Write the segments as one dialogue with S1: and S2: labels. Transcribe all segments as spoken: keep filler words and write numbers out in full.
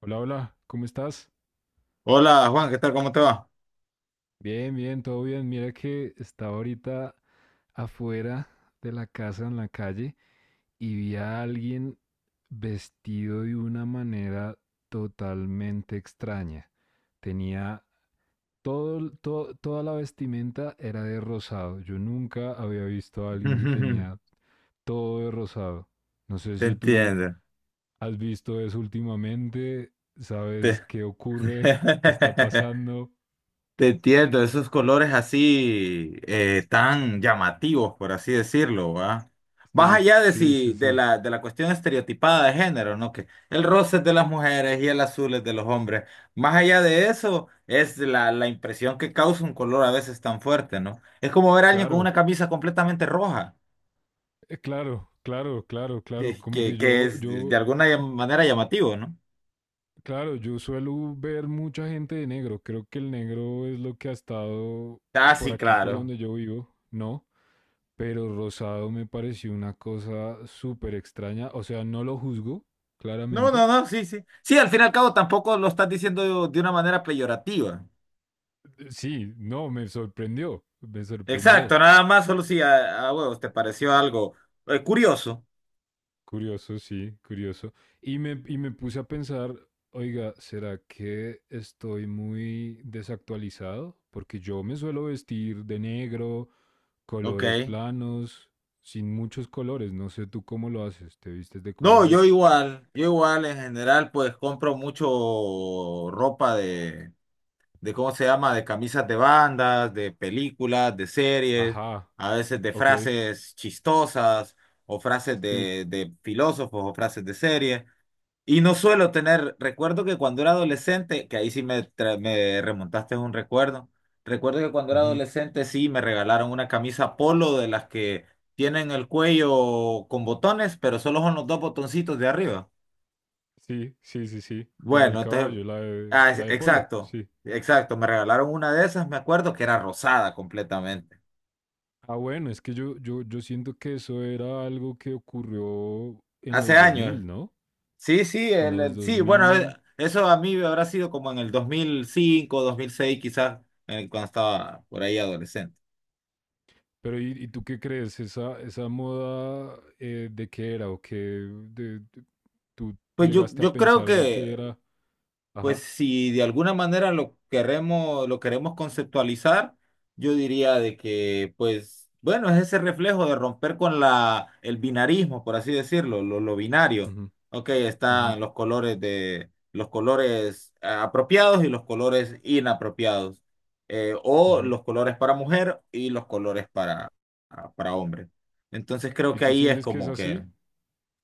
S1: Hola, hola, ¿cómo estás?
S2: Hola Juan, ¿qué tal? ¿Cómo te va?
S1: Bien, bien, todo bien. Mira que estaba ahorita afuera de la casa en la calle y vi a alguien vestido de una manera totalmente extraña. Tenía todo, el- toda la vestimenta era de rosado. Yo nunca había visto a alguien que tenía todo de rosado. No sé
S2: Te
S1: si tú
S2: entiendo.
S1: has visto eso últimamente, sabes
S2: Te,
S1: qué ocurre, qué está pasando.
S2: te entiendo, esos colores así eh, tan llamativos, por así decirlo, ¿va? Más
S1: Sí,
S2: allá de
S1: sí, sí,
S2: si de
S1: sí.
S2: la, de la cuestión estereotipada de género, ¿no? Que el rosa es de las mujeres y el azul es de los hombres. Más allá de eso, es la, la impresión que causa un color a veces tan fuerte, ¿no? Es como ver a alguien con
S1: Claro,
S2: una camisa completamente roja,
S1: eh, claro, claro, claro, claro. Como que
S2: que, que
S1: yo,
S2: es
S1: yo,
S2: de alguna manera llamativo, ¿no?
S1: claro, yo suelo ver mucha gente de negro. Creo que el negro es lo que ha estado
S2: Ah,
S1: por
S2: sí,
S1: aquí, por
S2: claro.
S1: donde yo vivo, ¿no? Pero rosado me pareció una cosa súper extraña. O sea, no lo juzgo,
S2: No, no,
S1: claramente.
S2: no, sí, sí. Sí, al fin y al cabo tampoco lo estás diciendo de una manera peyorativa.
S1: Eh, Sí, no, me sorprendió, me sorprendió.
S2: Exacto, nada más, solo si a, a huevos te pareció algo eh, curioso.
S1: Curioso, sí, curioso. Y me, y me puse a pensar, oiga, ¿será que estoy muy desactualizado? Porque yo me suelo vestir de negro,
S2: Ok.
S1: colores planos, sin muchos colores. No sé tú cómo lo haces. ¿Te vistes de
S2: No, yo
S1: colores?
S2: igual, yo igual en general pues compro mucho ropa de, de ¿cómo se llama? De camisas de bandas, de películas, de series,
S1: Ajá,
S2: a veces de
S1: ok,
S2: frases chistosas o frases
S1: sí.
S2: de, de filósofos o frases de series. Y no suelo tener, recuerdo que cuando era adolescente, que ahí sí me, tra- me remontaste a un recuerdo, recuerdo que cuando era
S1: Ujú,
S2: adolescente sí me regalaron una camisa polo de las que tienen el cuello con botones, pero solo son los dos botoncitos de arriba.
S1: sí, sí, sí, sí. La del
S2: Bueno, entonces,
S1: caballo, la de,
S2: ah, es-
S1: la de polo,
S2: exacto,
S1: sí.
S2: exacto, me regalaron una de esas, me acuerdo que era rosada completamente,
S1: Ah, bueno, es que yo, yo, yo siento que eso era algo que ocurrió en
S2: hace
S1: los dos
S2: años.
S1: mil, ¿no?
S2: Sí, sí,
S1: En
S2: el-
S1: los
S2: el-
S1: dos
S2: sí, bueno, eh,
S1: mil
S2: eso a mí habrá sido como en el dos dos mil cinco dos mil seis quizás, eh, cuando estaba por ahí adolescente.
S1: Pero ¿y, y tú qué crees? ¿Esa, esa moda eh, de qué era o qué de- de- tú
S2: Pues yo,
S1: llegaste a
S2: yo creo
S1: pensar de qué
S2: que,
S1: era? Ajá.
S2: pues si de alguna manera lo queremos, lo queremos conceptualizar, yo diría de que, pues, bueno, es ese reflejo de romper con la, el binarismo, por así decirlo, lo, lo binario.
S1: Ujú,
S2: Ok,
S1: ujú,
S2: están los colores de, los colores eh, apropiados y los colores inapropiados. Eh, o
S1: ujú.
S2: los colores para mujer y los colores para, para hombre. Entonces creo
S1: ¿Y
S2: que
S1: tú
S2: ahí es
S1: sientes que es
S2: como que
S1: así?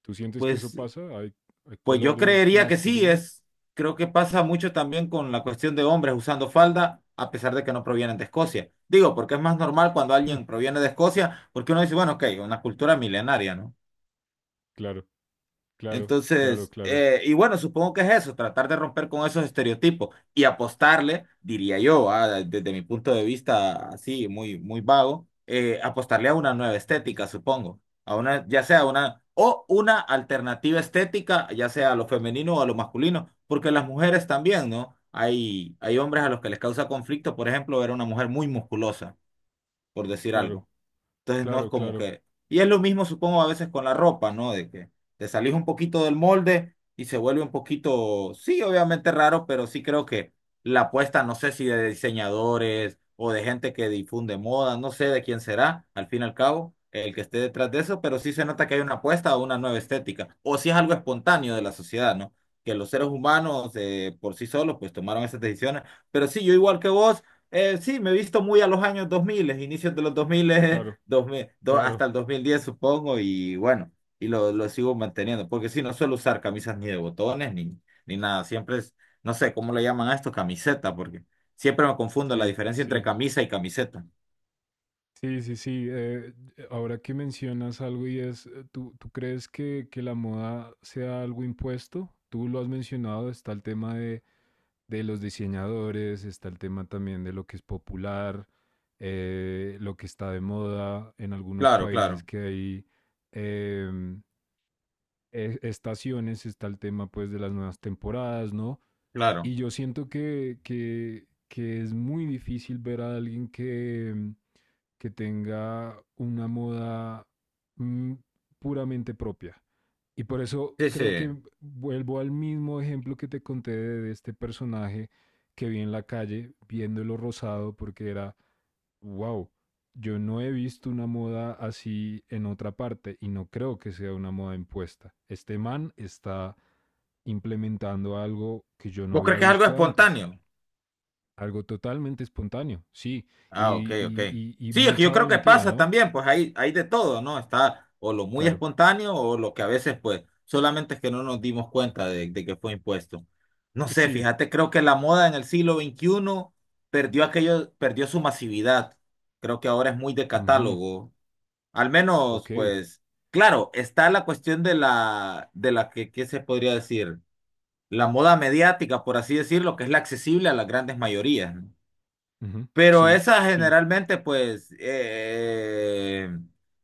S1: ¿Tú sientes que eso
S2: pues
S1: pasa? ¿Hay, hay
S2: pues yo
S1: colores
S2: creería que sí,
S1: masculinos?
S2: es, creo que pasa mucho también con la cuestión de hombres usando falda, a pesar de que no provienen de Escocia. Digo, porque es más normal cuando alguien proviene de Escocia, porque uno dice, bueno, ok, una cultura milenaria, ¿no?
S1: Claro, claro, claro,
S2: Entonces,
S1: claro,
S2: eh, y bueno, supongo que es eso, tratar de romper con esos estereotipos y apostarle, diría yo, ah, desde mi punto de vista así, muy, muy vago, eh, apostarle a una nueva estética, supongo, a una, ya sea una, o una alternativa estética, ya sea a lo femenino o a lo masculino, porque las mujeres también, ¿no? Hay, hay hombres a los que les causa conflicto, por ejemplo, ver a una mujer muy musculosa, por decir
S1: claro,
S2: algo. Entonces no es
S1: claro,
S2: como
S1: claro,
S2: que... Y es lo mismo, supongo, a veces con la ropa, ¿no? De que te salís un poquito del molde y se vuelve un poquito, sí, obviamente raro, pero sí creo que la apuesta, no sé si de diseñadores o de gente que difunde moda, no sé de quién será, al fin y al cabo, el que esté detrás de eso, pero sí se nota que hay una apuesta a una nueva estética, o si es algo espontáneo de la sociedad, ¿no? Que los seres humanos eh, por sí solos pues tomaron esas decisiones, pero sí, yo igual que vos. Eh, sí, me he visto muy a los años dos mil, inicios de los dos mil,
S1: claro,
S2: dos mil do- hasta
S1: claro.
S2: el dos mil diez supongo, y bueno, y lo, lo sigo manteniendo, porque sí, no suelo usar camisas ni de botones ni, ni nada, siempre es, no sé cómo le llaman a esto, camiseta, porque siempre me confundo la
S1: Sí,
S2: diferencia entre
S1: sí.
S2: camisa y camiseta.
S1: Sí, sí, sí. eh, ahora que mencionas algo y es, eh, ¿tú, tú crees que, que la moda sea algo impuesto? Tú lo has mencionado, está el tema de, de los diseñadores, está el tema también de lo que es popular, eh, lo que está de moda en algunos
S2: Claro,
S1: países
S2: claro,
S1: que hay em, e- estaciones, está el tema pues de las nuevas temporadas, ¿no?
S2: claro.
S1: Y yo siento que, que, que es muy difícil ver a alguien que, mm, que tenga una moda mm, puramente propia. Y por eso
S2: Sí, sí.
S1: creo que vuelvo al mismo ejemplo que te conté de, de este personaje que vi en la calle viéndolo rosado porque era, wow, yo no he visto una moda así en otra parte y no creo que sea una moda impuesta. Este man está implementando algo que yo no
S2: ¿Vos
S1: había
S2: crees que es algo
S1: visto antes.
S2: espontáneo?
S1: Algo totalmente espontáneo, sí.
S2: Ah, ok,
S1: Y,
S2: ok.
S1: y, y, y
S2: Sí, es que
S1: mucha
S2: yo creo que
S1: valentía,
S2: pasa
S1: ¿no?
S2: también, pues hay, hay de todo, ¿no? Está o lo muy
S1: Claro.
S2: espontáneo o lo que a veces, pues, solamente es que no nos dimos cuenta de, de que fue impuesto. No sé,
S1: Sí.
S2: fíjate, creo que la moda en el siglo veintiuno perdió aquello, perdió su masividad. Creo que ahora es muy de
S1: Ujú,
S2: catálogo. Al menos,
S1: ok.
S2: pues, claro, está la cuestión de la, de la que, ¿qué se podría decir? La moda mediática, por así decirlo, que es la accesible a las grandes mayorías, ¿no?
S1: Ujú,
S2: Pero
S1: sí,
S2: esa
S1: sí,
S2: generalmente, pues, eh,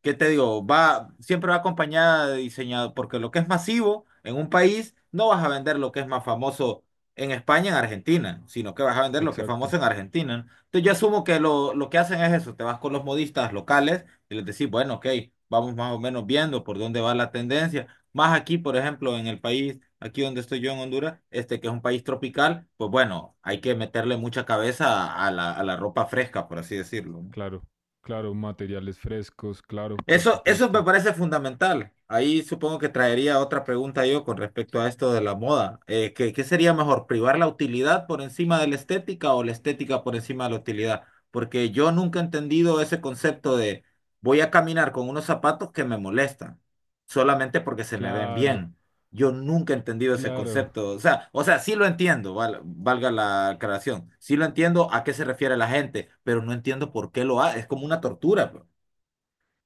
S2: ¿qué te digo? Va, siempre va acompañada de diseñador, porque lo que es masivo en un país, no vas a vender lo que es más famoso en España, en Argentina, sino que vas a vender lo que es
S1: exacto.
S2: famoso en Argentina, ¿no? Entonces yo asumo que lo, lo que hacen es eso, te vas con los modistas locales y les decís, bueno, ok, vamos más o menos viendo por dónde va la tendencia. Más aquí, por ejemplo, en el país, aquí donde estoy yo en Honduras, este que es un país tropical, pues bueno, hay que meterle mucha cabeza a la, a la ropa fresca, por así decirlo, ¿no?
S1: Claro. Claro, materiales frescos, claro, por
S2: Eso, eso me
S1: supuesto.
S2: parece fundamental. Ahí supongo que traería otra pregunta yo con respecto a esto de la moda. Eh, ¿qué, qué, sería mejor, privar la utilidad por encima de la estética o la estética por encima de la utilidad? Porque yo nunca he entendido ese concepto de voy a caminar con unos zapatos que me molestan solamente porque se me ven
S1: Claro,
S2: bien. Yo nunca he entendido ese
S1: claro,
S2: concepto. O sea, o sea, sí lo entiendo, val- valga la aclaración. Sí lo entiendo a qué se refiere la gente, pero no entiendo por qué lo hace. Es como una tortura, pues.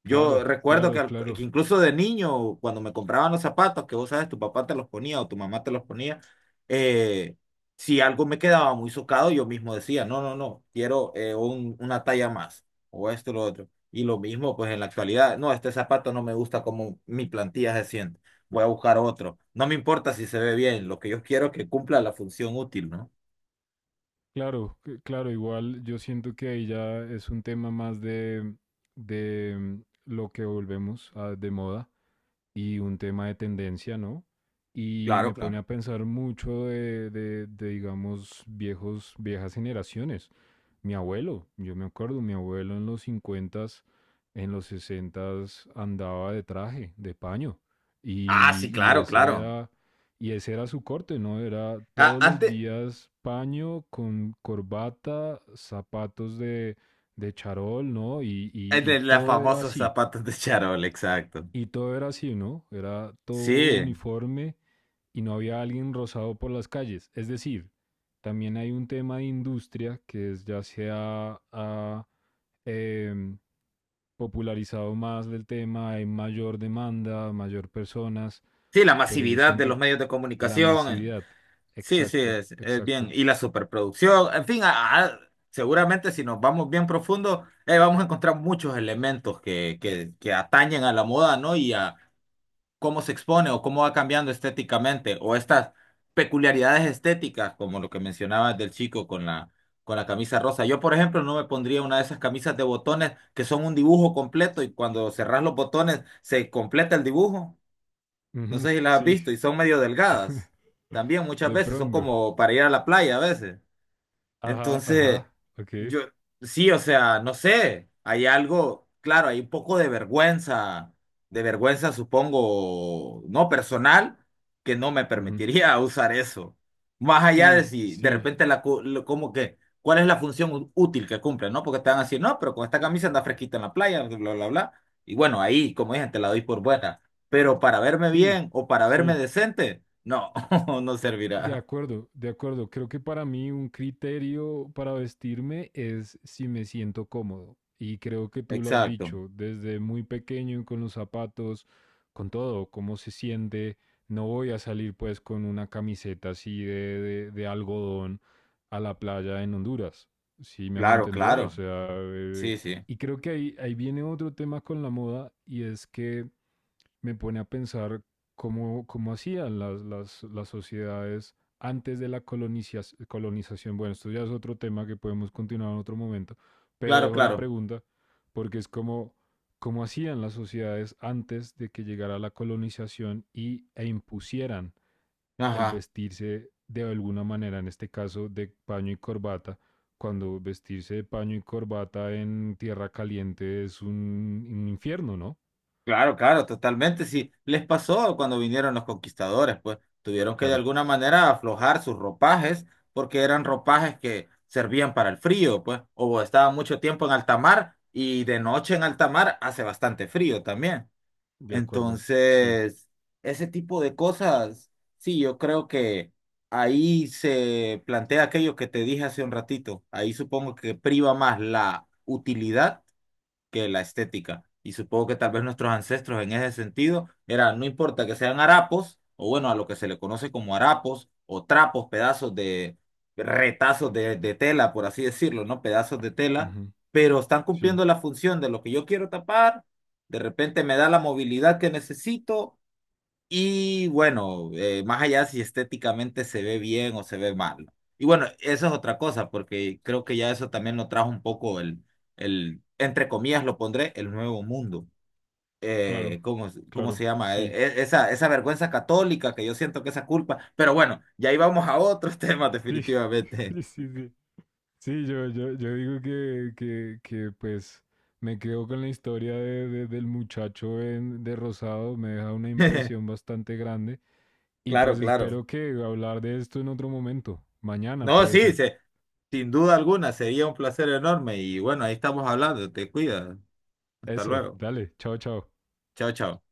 S2: Yo
S1: claro,
S2: recuerdo que,
S1: claro,
S2: al-
S1: claro.
S2: que incluso de niño, cuando me compraban los zapatos, que vos sabes, tu papá te los ponía o tu mamá te los ponía, eh, si algo me quedaba muy socado, yo mismo decía, no, no, no, quiero eh, un- una talla más o esto o lo otro. Y lo mismo, pues en la actualidad, no, este zapato no me gusta como mi plantilla se siente, voy a buscar otro. No me importa si se ve bien, lo que yo quiero es que cumpla la función útil, ¿no?
S1: Claro, c- claro, igual yo siento que ahí ya es un tema más de, de mm, lo que volvemos a- de moda y un tema de tendencia, ¿no? Y
S2: Claro,
S1: me pone
S2: claro.
S1: a pensar mucho de, de, de, digamos, viejos, viejas generaciones. Mi abuelo, yo me acuerdo, mi abuelo en los cincuentas en los sesentas andaba de traje, de paño.
S2: Ah,
S1: Y,
S2: sí,
S1: y,
S2: claro,
S1: ese
S2: claro.
S1: era, y ese era su corte, ¿no? Era
S2: Ah,
S1: todos los
S2: antes,
S1: días paño con corbata, zapatos de, de charol, ¿no? Y,
S2: el
S1: y, y
S2: de los
S1: todo era
S2: famosos
S1: así.
S2: zapatos de charol, exacto.
S1: Y todo era así, ¿no? Era todo
S2: Sí,
S1: uniforme y no había alguien rozado por las calles. Es decir, también hay un tema de industria que es, ya se ha, ha, eh, popularizado más del tema, hay mayor demanda, mayor personas,
S2: sí, la
S1: pero yo
S2: masividad de
S1: siento
S2: los medios de
S1: la
S2: comunicación, eh,
S1: masividad.
S2: sí, sí,
S1: Exacto,
S2: es, es bien,
S1: exacto.
S2: y la superproducción, en fin, a- a- seguramente si nos vamos bien profundo, eh, vamos a encontrar muchos elementos que, que, que atañen a la moda, ¿no? Y a cómo se expone o cómo va cambiando estéticamente, o estas peculiaridades estéticas, como lo que mencionabas del chico con la, con la camisa rosa. Yo, por ejemplo, no me pondría una de esas camisas de botones que son un dibujo completo y cuando cerrás los botones se completa el dibujo. No
S1: Ujú,
S2: sé si las has
S1: sí,
S2: visto y son medio delgadas. También muchas
S1: de
S2: veces son
S1: pronto.
S2: como para ir a la playa a veces.
S1: Ajá,
S2: Entonces,
S1: ajá, ok.
S2: yo, sí, o sea, no sé, hay algo, claro, hay un poco de vergüenza, de vergüenza, supongo, no personal, que no me
S1: Ujú.
S2: permitiría usar eso. Más allá de
S1: Sí,
S2: si de
S1: sí,
S2: repente la, cu- lo- como que, ¿cuál es la función ú- útil que cumple, no? Porque te van a decir, no, pero con esta camisa anda fresquita en la playa, bla, bla, bla, bla. Y bueno, ahí, como dije, te la doy por buena. Pero para verme
S1: sí,
S2: bien o para verme
S1: sí.
S2: decente, no, no
S1: De
S2: servirá.
S1: acuerdo, de acuerdo. Creo que para mí un criterio para vestirme es si me siento cómodo. Y creo que tú lo has
S2: Exacto.
S1: dicho desde muy pequeño con los zapatos, con todo, cómo se siente. No voy a salir pues con una camiseta así de, de- de algodón a la playa en Honduras. Si me hago
S2: Claro,
S1: entender, o
S2: claro.
S1: sea, eh,
S2: Sí, sí,
S1: y creo que ahí, ahí viene otro tema con la moda y es que me pone a pensar cómo, cómo hacían las, las, las sociedades antes de la colonizas- colonización. Bueno, esto ya es otro tema que podemos continuar en otro momento, pero
S2: claro,
S1: dejo la
S2: claro.
S1: pregunta porque es como cómo hacían las sociedades antes de que llegara la colonización y, e impusieran el
S2: Ajá,
S1: vestirse de alguna manera, en este caso de paño y corbata, cuando vestirse de paño y corbata en tierra caliente es un, un infierno, ¿no?
S2: claro, claro, totalmente. Sí, les pasó cuando vinieron los conquistadores, pues tuvieron que de
S1: Claro,
S2: alguna manera aflojar sus ropajes porque eran ropajes que servían para el frío, pues, o estaban mucho tiempo en alta mar y de noche en alta mar hace bastante frío también.
S1: de acuerdo, sí.
S2: Entonces, ese tipo de cosas, sí, yo creo que ahí se plantea aquello que te dije hace un ratito. Ahí supongo que priva más la utilidad que la estética. Y supongo que tal vez nuestros ancestros en ese sentido era, no importa que sean harapos, o bueno, a lo que se le conoce como harapos, o trapos, pedazos de retazos de, de tela, por así decirlo, ¿no? Pedazos de tela,
S1: Ujú,
S2: pero están
S1: sí,
S2: cumpliendo la función de lo que yo quiero tapar, de repente me da la movilidad que necesito y bueno, eh, más allá si estéticamente se ve bien o se ve mal, ¿no? Y bueno, eso es otra cosa, porque creo que ya eso también lo trajo un poco el, el entre comillas lo pondré, el nuevo mundo.
S1: claro,
S2: Eh, ¿cómo, es- cómo
S1: claro,
S2: se llama? Eh,
S1: sí,
S2: e- esa, esa vergüenza católica que yo siento que esa culpa. Pero bueno, ya íbamos a otros temas
S1: sí,
S2: definitivamente.
S1: sí, sí, sí. Sí, yo, yo, yo digo que, que, que, pues me quedo con la historia de, de- del muchacho en- de Rosado, me deja una impresión bastante grande y
S2: Claro,
S1: pues
S2: claro.
S1: espero que hablar de esto en otro momento, mañana
S2: No,
S1: puede
S2: sí,
S1: ser.
S2: se- sin duda alguna, sería un placer enorme. Y bueno, ahí estamos hablando. Te cuidas. Hasta
S1: Eso,
S2: luego.
S1: dale, chao, chao.
S2: Chao, chao.